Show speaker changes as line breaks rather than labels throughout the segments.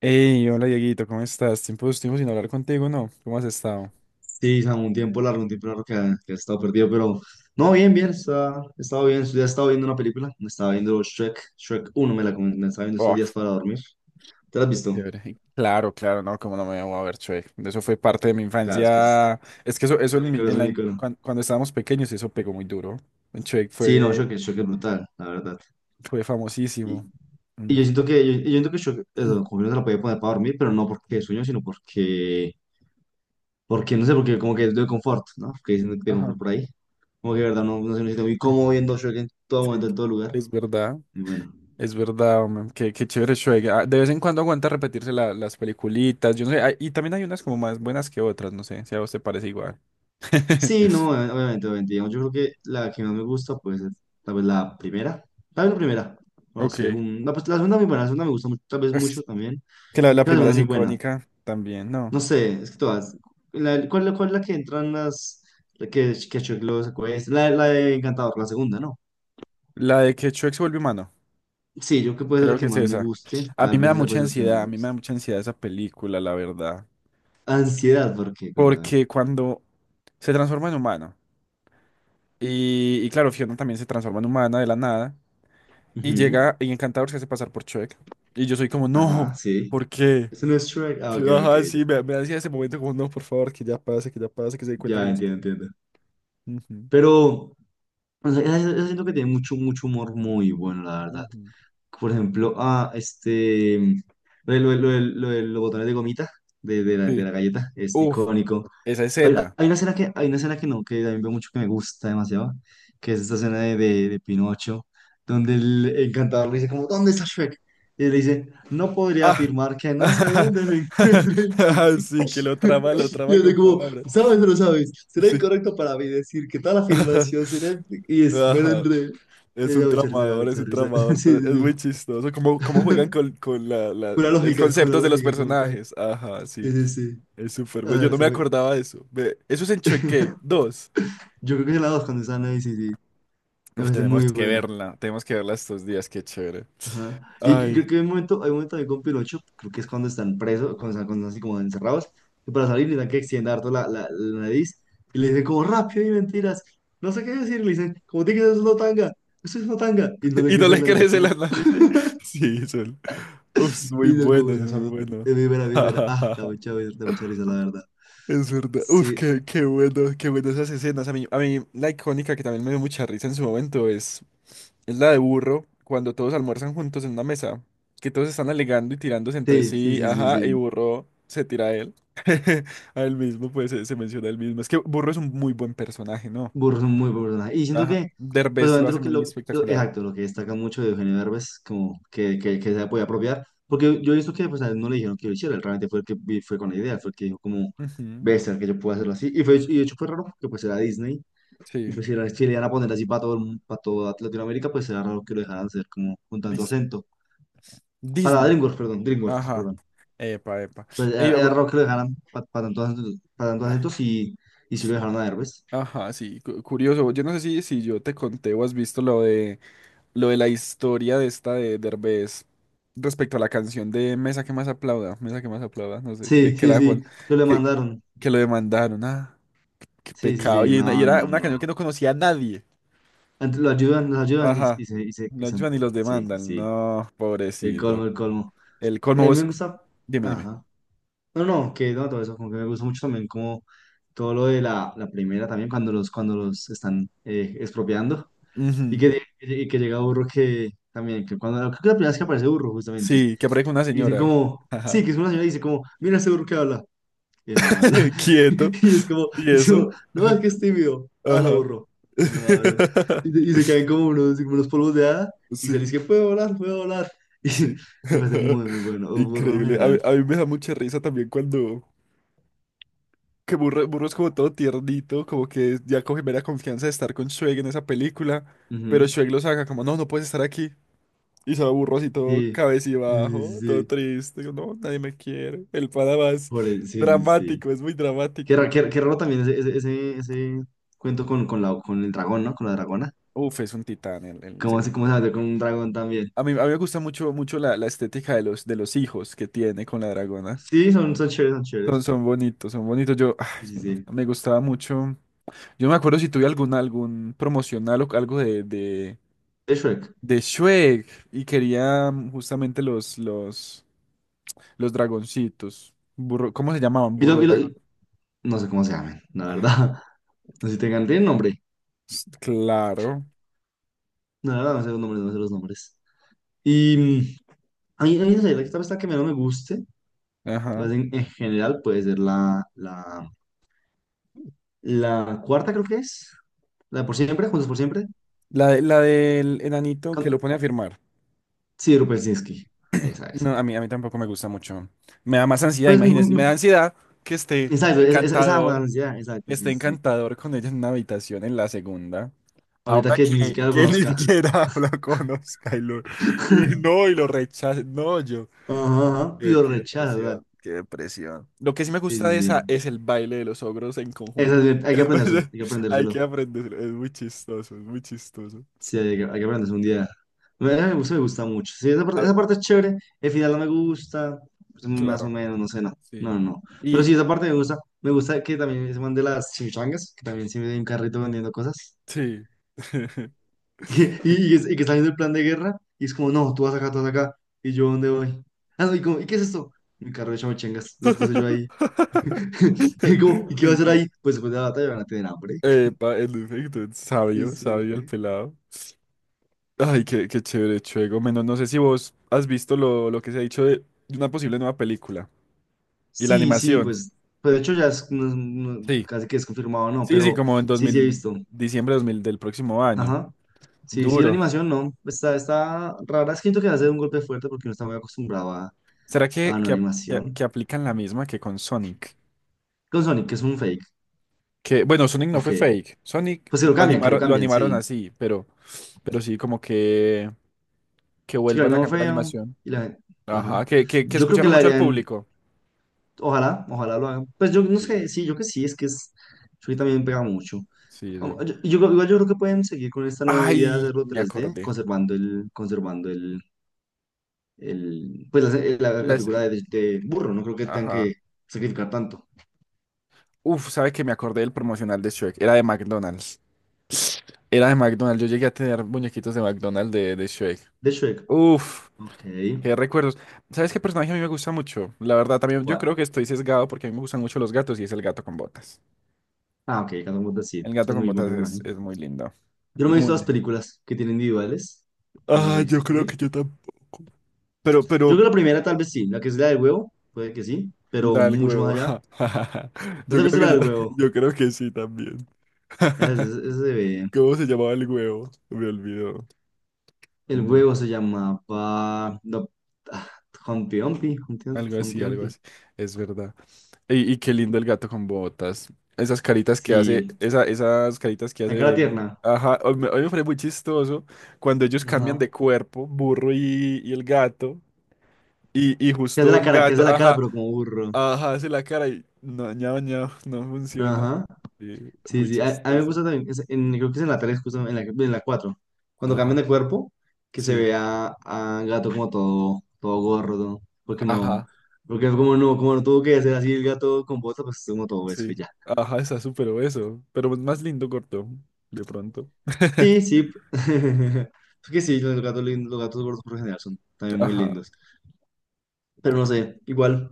Hey, hola Dieguito, ¿cómo estás? Tiempo sin hablar contigo, ¿no? ¿Cómo has estado?
Sí, Samu, un tiempo largo que ha estado perdido, pero no, bien, bien, estaba bien, ya estaba viendo una película, me estaba viendo Shrek, Shrek uno, me la estaba viendo estos días
Uf,
para dormir. ¿Te la has
qué
visto?
chévere. Claro, claro, no, cómo no me voy a ver Shrek. Eso fue parte de mi
Claro,
infancia. Es que eso,
es
eso
un
en, mi-
icono, es
en la,
un
in-
icono.
cuan- cuando estábamos pequeños, eso pegó muy duro. Shrek
Sí, no,
fue,
Shrek es brutal, la verdad.
fue
Y,
famosísimo.
y
Mm,
yo siento que, yo siento que Shrek,
mm,
eso, como que no se la podía poner para dormir, pero no porque sueño, sino porque no sé, porque como que es de confort, ¿no? Que dicen de
Ajá.
confort por ahí. Como que, de verdad, no sé, me siento muy
mm,
cómodo viendo Shrek en todo
Sí,
momento, en todo lugar,
es verdad,
y bueno.
es verdad, hombre. Qué, qué chévere Shrek. Ah, de vez en cuando aguanta repetirse las peliculitas. Yo no sé, y también hay unas como más buenas que otras, no sé, si a vos te parece igual.
Sí, no, obviamente, obviamente. Digamos, yo creo que la que más me gusta, pues, es tal vez la primera. Tal vez la primera. O la
Ok.
segunda. Pues la segunda es muy buena. La segunda me gusta mucho, tal vez mucho
Es
también.
que la
La
primera
segunda es
es
muy buena.
icónica también, ¿no?
No sé, es que todas. La, ¿cuál es la que entran las? La que Chuck los acuesta. La de Encantador, la segunda, ¿no?
La de que Shrek se vuelve humano,
Sí, yo creo que puede ser la
creo que
que
es
más me
esa.
guste.
A mí
Tal
me da
vez esa
mucha
puede ser la que más me
ansiedad, a mí me da
guste.
mucha ansiedad esa película, la verdad.
Ansiedad, ¿por qué? Cuéntame.
Porque cuando se transforma en humano, y claro, Fiona también se transforma en humana de la nada, y
Ujú.
llega y Encantador se hace pasar por Shrek. Y yo soy como,
Ajá,
no,
sí.
¿por qué?
Eso no es Shrek. Ah, ok,
Fiona,
ok,
ajá,
ya.
sí, me hacía ese momento como, no, por favor, que ya pase, que ya pase, que se dé cuenta que
Ya
no
entiendo,
estoy.
entiendo.
Ujú,
Pero. O sea, esa siento que tiene mucho, mucho humor muy bueno, la verdad.
ujú.
Por ejemplo, ah, este, mm, lo de los botones de gomita de
Sí.
la galleta es
Uf,
icónico.
esa escena.
Hay una escena que, hay una escena que no, que también veo mucho que me gusta demasiado, que es esta escena de Pinocho, donde el encantador le dice como, ¿dónde está Shrek? Y él le dice, no podría
Ah,
afirmar que no sé dónde lo encuentre.
sí, que lo trama
Yo de
con
como,
palabras.
¿sabes o no sabes? ¿Será
Sí.
incorrecto para mí decir que tal afirmación será... Y es, me lo
Ajá.
enredé. Me da mucha risa, me da
Es
mucha
un
risa.
tramador,
Sí,
pero
sí,
es muy
sí.
chistoso. Cómo, cómo juegan con el
Con la
concepto de los
lógica como tal.
personajes. Ajá, sí.
Sí, sí, sí.
Es súper
Ah,
bueno.
me
Yo no me
parece muy...
acordaba de eso. Ve, eso es en Choque 2.
Yo creo que es la dos cuando están ahí, sí, sí. Me
Uf,
parece
tenemos
muy
que
buena.
verla. Tenemos que verla estos días. Qué chévere.
Ajá. Y
Ay.
creo que hay un momento ahí con Pinocho, creo que es cuando están presos, cuando están así como encerrados, que para salir les dan que extienda harto la nariz, y le dicen como rápido y mentiras, no sé qué decir, le dicen, como tiene que ser una tanga, eso es una tanga, y no le
Y no
crece la
le
nariz,
crece la
como,
nariz. Sí, son. Uf, muy
y no como
bueno, es
esa
muy
salud,
bueno.
víbora, víbora, ah, da mucha risa, la verdad.
Es verdad. Uf,
Sí,
qué, qué bueno esas escenas. A mí, la icónica que también me dio mucha risa en su momento es la de Burro, cuando todos almuerzan juntos en una mesa, que todos están alegando y tirándose entre
sí, sí,
sí,
sí, sí,
ajá, y
sí.
Burro se tira a él. A él mismo, pues se menciona a él mismo. Es que Burro es un muy buen personaje, ¿no?
Burro, muy burro. Y siento
Ajá.
que, pues
Derbez lo
obviamente
hace
lo que,
muy
lo-
espectacular.
exacto, lo que destaca mucho de Eugenio Derbez, como que, que se podía apropiar, porque yo he visto que pues a él no le dijeron que lo hiciera, él realmente fue el que fue con la idea, fue el que dijo como,
Ujú.
ves, que yo puedo hacerlo así, y, fue, y de hecho fue raro, que pues era Disney, y
Sí,
pues si, era, si le iban a poner así para todo, el para toda Latinoamérica, pues era raro que lo dejaran hacer como con tanto
Disney.
acento, para
Disney.
DreamWorks,
Ajá.
perdón,
Epa, epa.
pues era,
Ey,
era
bu-
raro que lo dejaran para tanto, pa tanto acento, y si lo dejaron a Derbez,
Ajá, sí, curioso. Yo no sé si, si yo te conté o has visto lo de la historia de esta de Derbez respecto a la canción de Mesa que más aplauda, Mesa que más aplauda, no sé,
sí,
que
sí, sí, que le
que,
mandaron.
que lo demandaron. Ah, qué
Sí, sí,
pecado.
sí,
Y
no,
era
no,
una canción que
no.
no conocía a nadie.
Lo ayudan, los ayudan
Ajá. Lo
y se
ayudan y los
empujan. Sí, sí,
demandan.
sí.
No,
El colmo,
pobrecito.
el colmo.
El
A
colmo
mí me
vos.
gusta.
Dime, dime.
Ajá. No, no, que no, todo eso, como que me gusta mucho también, como todo lo de la primera también, cuando los están expropiando.
Ujú.
Y que llega Burro que también, que cuando, creo que la primera vez que aparece Burro, justamente.
Sí, que aparezca una
Y dicen
señora.
como,
Ajá.
sí, que es una señora y dice como, mira ese Burro que habla. Y no habla.
Quieto. ¿Y
Y es
eso?
como, no, es que es tímido. Ah, la
Ajá.
borró. No habla. Y se caen como unos polvos de hada y se le
Sí,
dice puedo volar, puedo volar.
sí.
Y me parece muy, muy bueno. O burro en
Increíble.
general.
A mí me da mucha risa también cuando… Que Burro, Burro es como todo tiernito, como que ya coge mera confianza de estar con Shrek en esa película, pero
Ujú.
Shrek lo saca como, no, no puedes estar aquí. Y se va Burro así todo
Sí, sí,
cabecibajo,
sí,
todo
sí.
triste, como, no, nadie me quiere. El pana más
Sí, sí, sí.
dramático, es muy
Qué
dramático.
raro, qué raro también ese cuento con el dragón, ¿no? Con la dragona.
Uf, es un titán el señor
Cómo se
Burro.
mete con un dragón también?
A mí me gusta mucho, mucho la estética de los hijos que tiene con la dragona.
Sí, son, son chéveres, son
Son,
chéveres.
son bonitos, son bonitos. Yo, ah,
Sí,
es
sí,
no, no
sí.
me gustaba mucho. Yo no me acuerdo si tuve algún, algún promocional o algo de,
Es Shrek.
de Shrek y quería mm, justamente los dragoncitos. Burro, ¿cómo se llamaban?
¿Y, lo-
Burro
y lo-
dragón.
No sé cómo se llaman, la
Ah,
verdad. No sé si tengan, tienen nombre.
claro.
La verdad, no sé los nombres, no sé los nombres. Y mm, a mí no sé, la que menos me guste, tal
Ajá.
vez en general puede ser la cuarta, creo que es. La de por siempre, Juntos por siempre.
La, la del enanito que
Con-
lo pone a firmar.
Sí, de Rupersinski. Esa, esa.
No, a mí tampoco me gusta mucho. Me da más ansiedad,
Pues, mm,
imagínense. Me
mm,
da ansiedad que
exacto, esa me da ansiedad, exacto, sí,
esté
sí, sí.
encantador con ella en una habitación en la segunda.
Ahorita
Ahora
que ni siquiera lo
que ni
conozca.
siquiera lo conozca y lo, y no, y lo rechaza. No, yo.
Ajá, ajá,
Qué,
pido
qué
rechaza, o sea.
depresión, qué depresión. Lo que sí me
Sí,
gusta
sí,
de esa
sí.
es el baile de los ogros en conjunto.
Hay que
Es muy-
aprendérselo, hay que
hay que
aprendérselo.
aprenderlo. Es muy chistoso, es muy chistoso.
Sí, hay que aprenderse un día. Me gusta mucho. Sí,
A
esa
ver,
parte es chévere. El final no me gusta. Es muy más o
claro,
menos, no sé, no.
sí.
No, no, no. Pero
Y
sí, esa parte me gusta. Me gusta que también se mande las chimichangas, que también se me un carrito vendiendo cosas.
sí.
Y que está viendo el plan de guerra. Y es como, no, tú vas acá, tú vas acá. ¿Y yo dónde voy? Ah, no, y como, ¿y qué es esto? Mi carro de chimichangas. Lo puse yo ahí. Y como, ¿y qué va a hacer ahí? Pues después de la batalla van a tener hambre.
Epa, en efecto, es
Y
sabio,
sí,
sabio el
sí.
pelado. Ay, qué, qué chévere, Chuego. Menos, no sé si vos has visto lo que se ha dicho de una posible nueva película y la
Sí, sí,
animación.
pues, pero de hecho ya es,
Sí.
casi que es confirmado, no,
Sí, sí,
pero
como en dos
sí, sí he
mil
visto.
diciembre de 2000 del próximo año.
Ajá. Sí, sí, la
Duro.
animación no, está, está rara. Es que siento que va a ser un golpe fuerte porque no está muy acostumbrado
¿Será
a la
que,
nueva
que
animación.
aplican la misma que con Sonic?
Con Sonic, que es un fake.
Que, bueno, Sonic no
Ok.
fue fake. Sonic
Pues que lo
lo
cambian,
animaron
sí.
así, pero sí, como que
Sí, que lo
vuelvan a
animaron
cambiar la
feo.
animación.
Y la gente.
Ajá,
Ajá.
que, que
Yo creo que
escucharon
la
mucho al
harían.
público.
Ojalá, ojalá lo hagan. Pues yo no
Sí,
sé, sí, yo que sí, es que es. Yo también pega mucho.
sí, es
Yo,
verdad.
igual yo creo que pueden seguir con esta nueva idea de
Ay,
hacerlo
me
tres d
acordé.
conservando conservando el, pues la, la
Las-
figura de burro, no creo que tengan
ajá.
que sacrificar tanto.
Uf, ¿sabe que me acordé del promocional de Shrek? Era de McDonald's. Era de McDonald's. Yo llegué a tener muñequitos de McDonald's de Shrek.
De Shrek,
Uf,
ok,
qué recuerdos. ¿Sabes qué personaje a mí me gusta mucho? La verdad, también yo
¿cuál?
creo que estoy sesgado porque a mí me gustan mucho los gatos y es el gato con botas.
Ah, ok, Catwoman sí,
El gato
es
con
muy buen
botas
personaje.
es muy lindo.
Yo no me he
Muy
visto las
lindo.
películas que tienen individuales, no las he
Ah, yo
visto, ¿tú
creo
sí?
que yo tampoco.
Yo creo
Pero,
que la primera tal vez sí, la que es la del huevo, puede que sí, pero
la del
mucho más
huevo.
allá. ¿No
Yo
te has
creo
visto
que
la
yo,
del huevo?
yo creo que sí también.
Ese se ve.
¿Cómo se llamaba el huevo? Me olvidó.
El
No,
huevo se llamaba no, ah, Humpty Dumpty, Humpty Dumpty,
algo así,
Humpty
algo
Dumpty.
así. Es verdad. Y qué lindo el gato con botas. Esas caritas que hace,
Sí,
esa, esas caritas que hace
la cara
de…
tierna,
Ajá, hoy me fue muy chistoso cuando ellos cambian
ajá.
de cuerpo, burro y el gato. Y
Que hace
justo
la
el
cara, que hace
gato,
la cara,
ajá,
pero como burro.
ajá, hace la cara y no, ñao, ñao, no funciona.
Ajá.
Sí,
Sí,
muy
sí, a mí me
chistoso.
gusta también, creo que es en la 3, justo en la 4 cuando cambian
Ajá,
de cuerpo, que se
sí,
ve a gato como todo, todo gordo, porque no,
ajá,
porque como no tuvo que hacer así el gato con bota, pues como todo eso y
sí.
ya.
Ajá, está súper obeso, pero es más lindo corto, de pronto.
Sí, sí, es que sí, los gatos gordos por lo general son también muy
Ajá.
lindos, pero no sé, igual,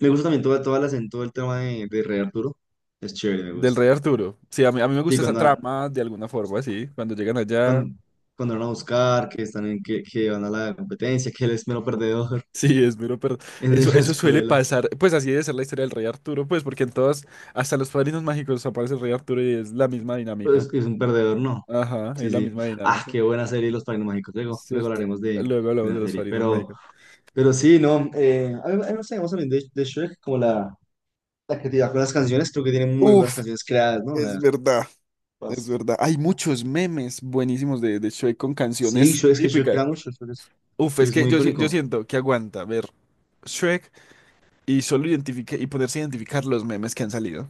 me gusta también toda, toda la, todo el tema de Rey Arturo, es chévere, me
Del
gusta.
Rey Arturo. Sí, a mí me
Sí,
gusta esa
cuando,
trama de alguna forma, así. Cuando llegan allá,
cuando, cuando van a buscar, que están en, que van a la competencia, que él es mero perdedor
sí, es mero, pero
en
eso,
la
eso suele
escuela.
pasar. Pues así debe ser la historia del Rey Arturo, pues porque en todas, hasta los Padrinos Mágicos aparece el Rey Arturo y es la misma dinámica.
Pues es un perdedor, no.
Ajá,
Sí,
es la
sí.
misma
Ah,
dinámica.
qué buena serie Los Padrinos Mágicos. Luego, luego
Cierto.
hablaremos
Luego
de
hablamos de
la
los
serie.
Padrinos Mágicos.
Pero sí, no. A mí no sé, vamos a hablar de Shrek, como la creatividad con las canciones. Creo que tiene muy buenas
Uf,
canciones creadas, ¿no? O
es
sea,
verdad, es
pues,
verdad. Hay muchos memes buenísimos de Shrek con
sí,
canciones
Shrek, es que Shrek
típicas.
crea mucho.
Uf,
Shrek
es
es
que
muy
yo, yo
icónico.
siento que aguanta ver Shrek y solo identifique y poderse identificar los memes que han salido.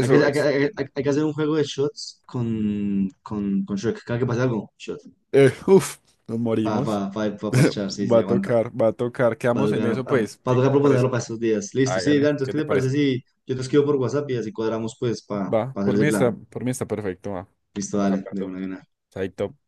es.
Hay que hacer un juego de shots con Shrek. Cada que pase algo, shots
Uf, nos
va va
morimos.
va va a parchar, sí,
Va
sí,
a
aguanta.
tocar, va a tocar.
Va a
Quedamos en
tocar,
eso, pues.
va a
¿Qué, qué
tocar
te parece?
proponerlo para estos días. Listo, sí, dale,
Hágale,
entonces,
¿qué
¿qué
te
te parece
parece?
si yo te escribo por WhatsApp y así cuadramos, pues, para
Va,
hacer ese plan?
por mí está perfecto, va.
Listo,
Estamos
dale, de
hablando.
una, de una.
Chaito.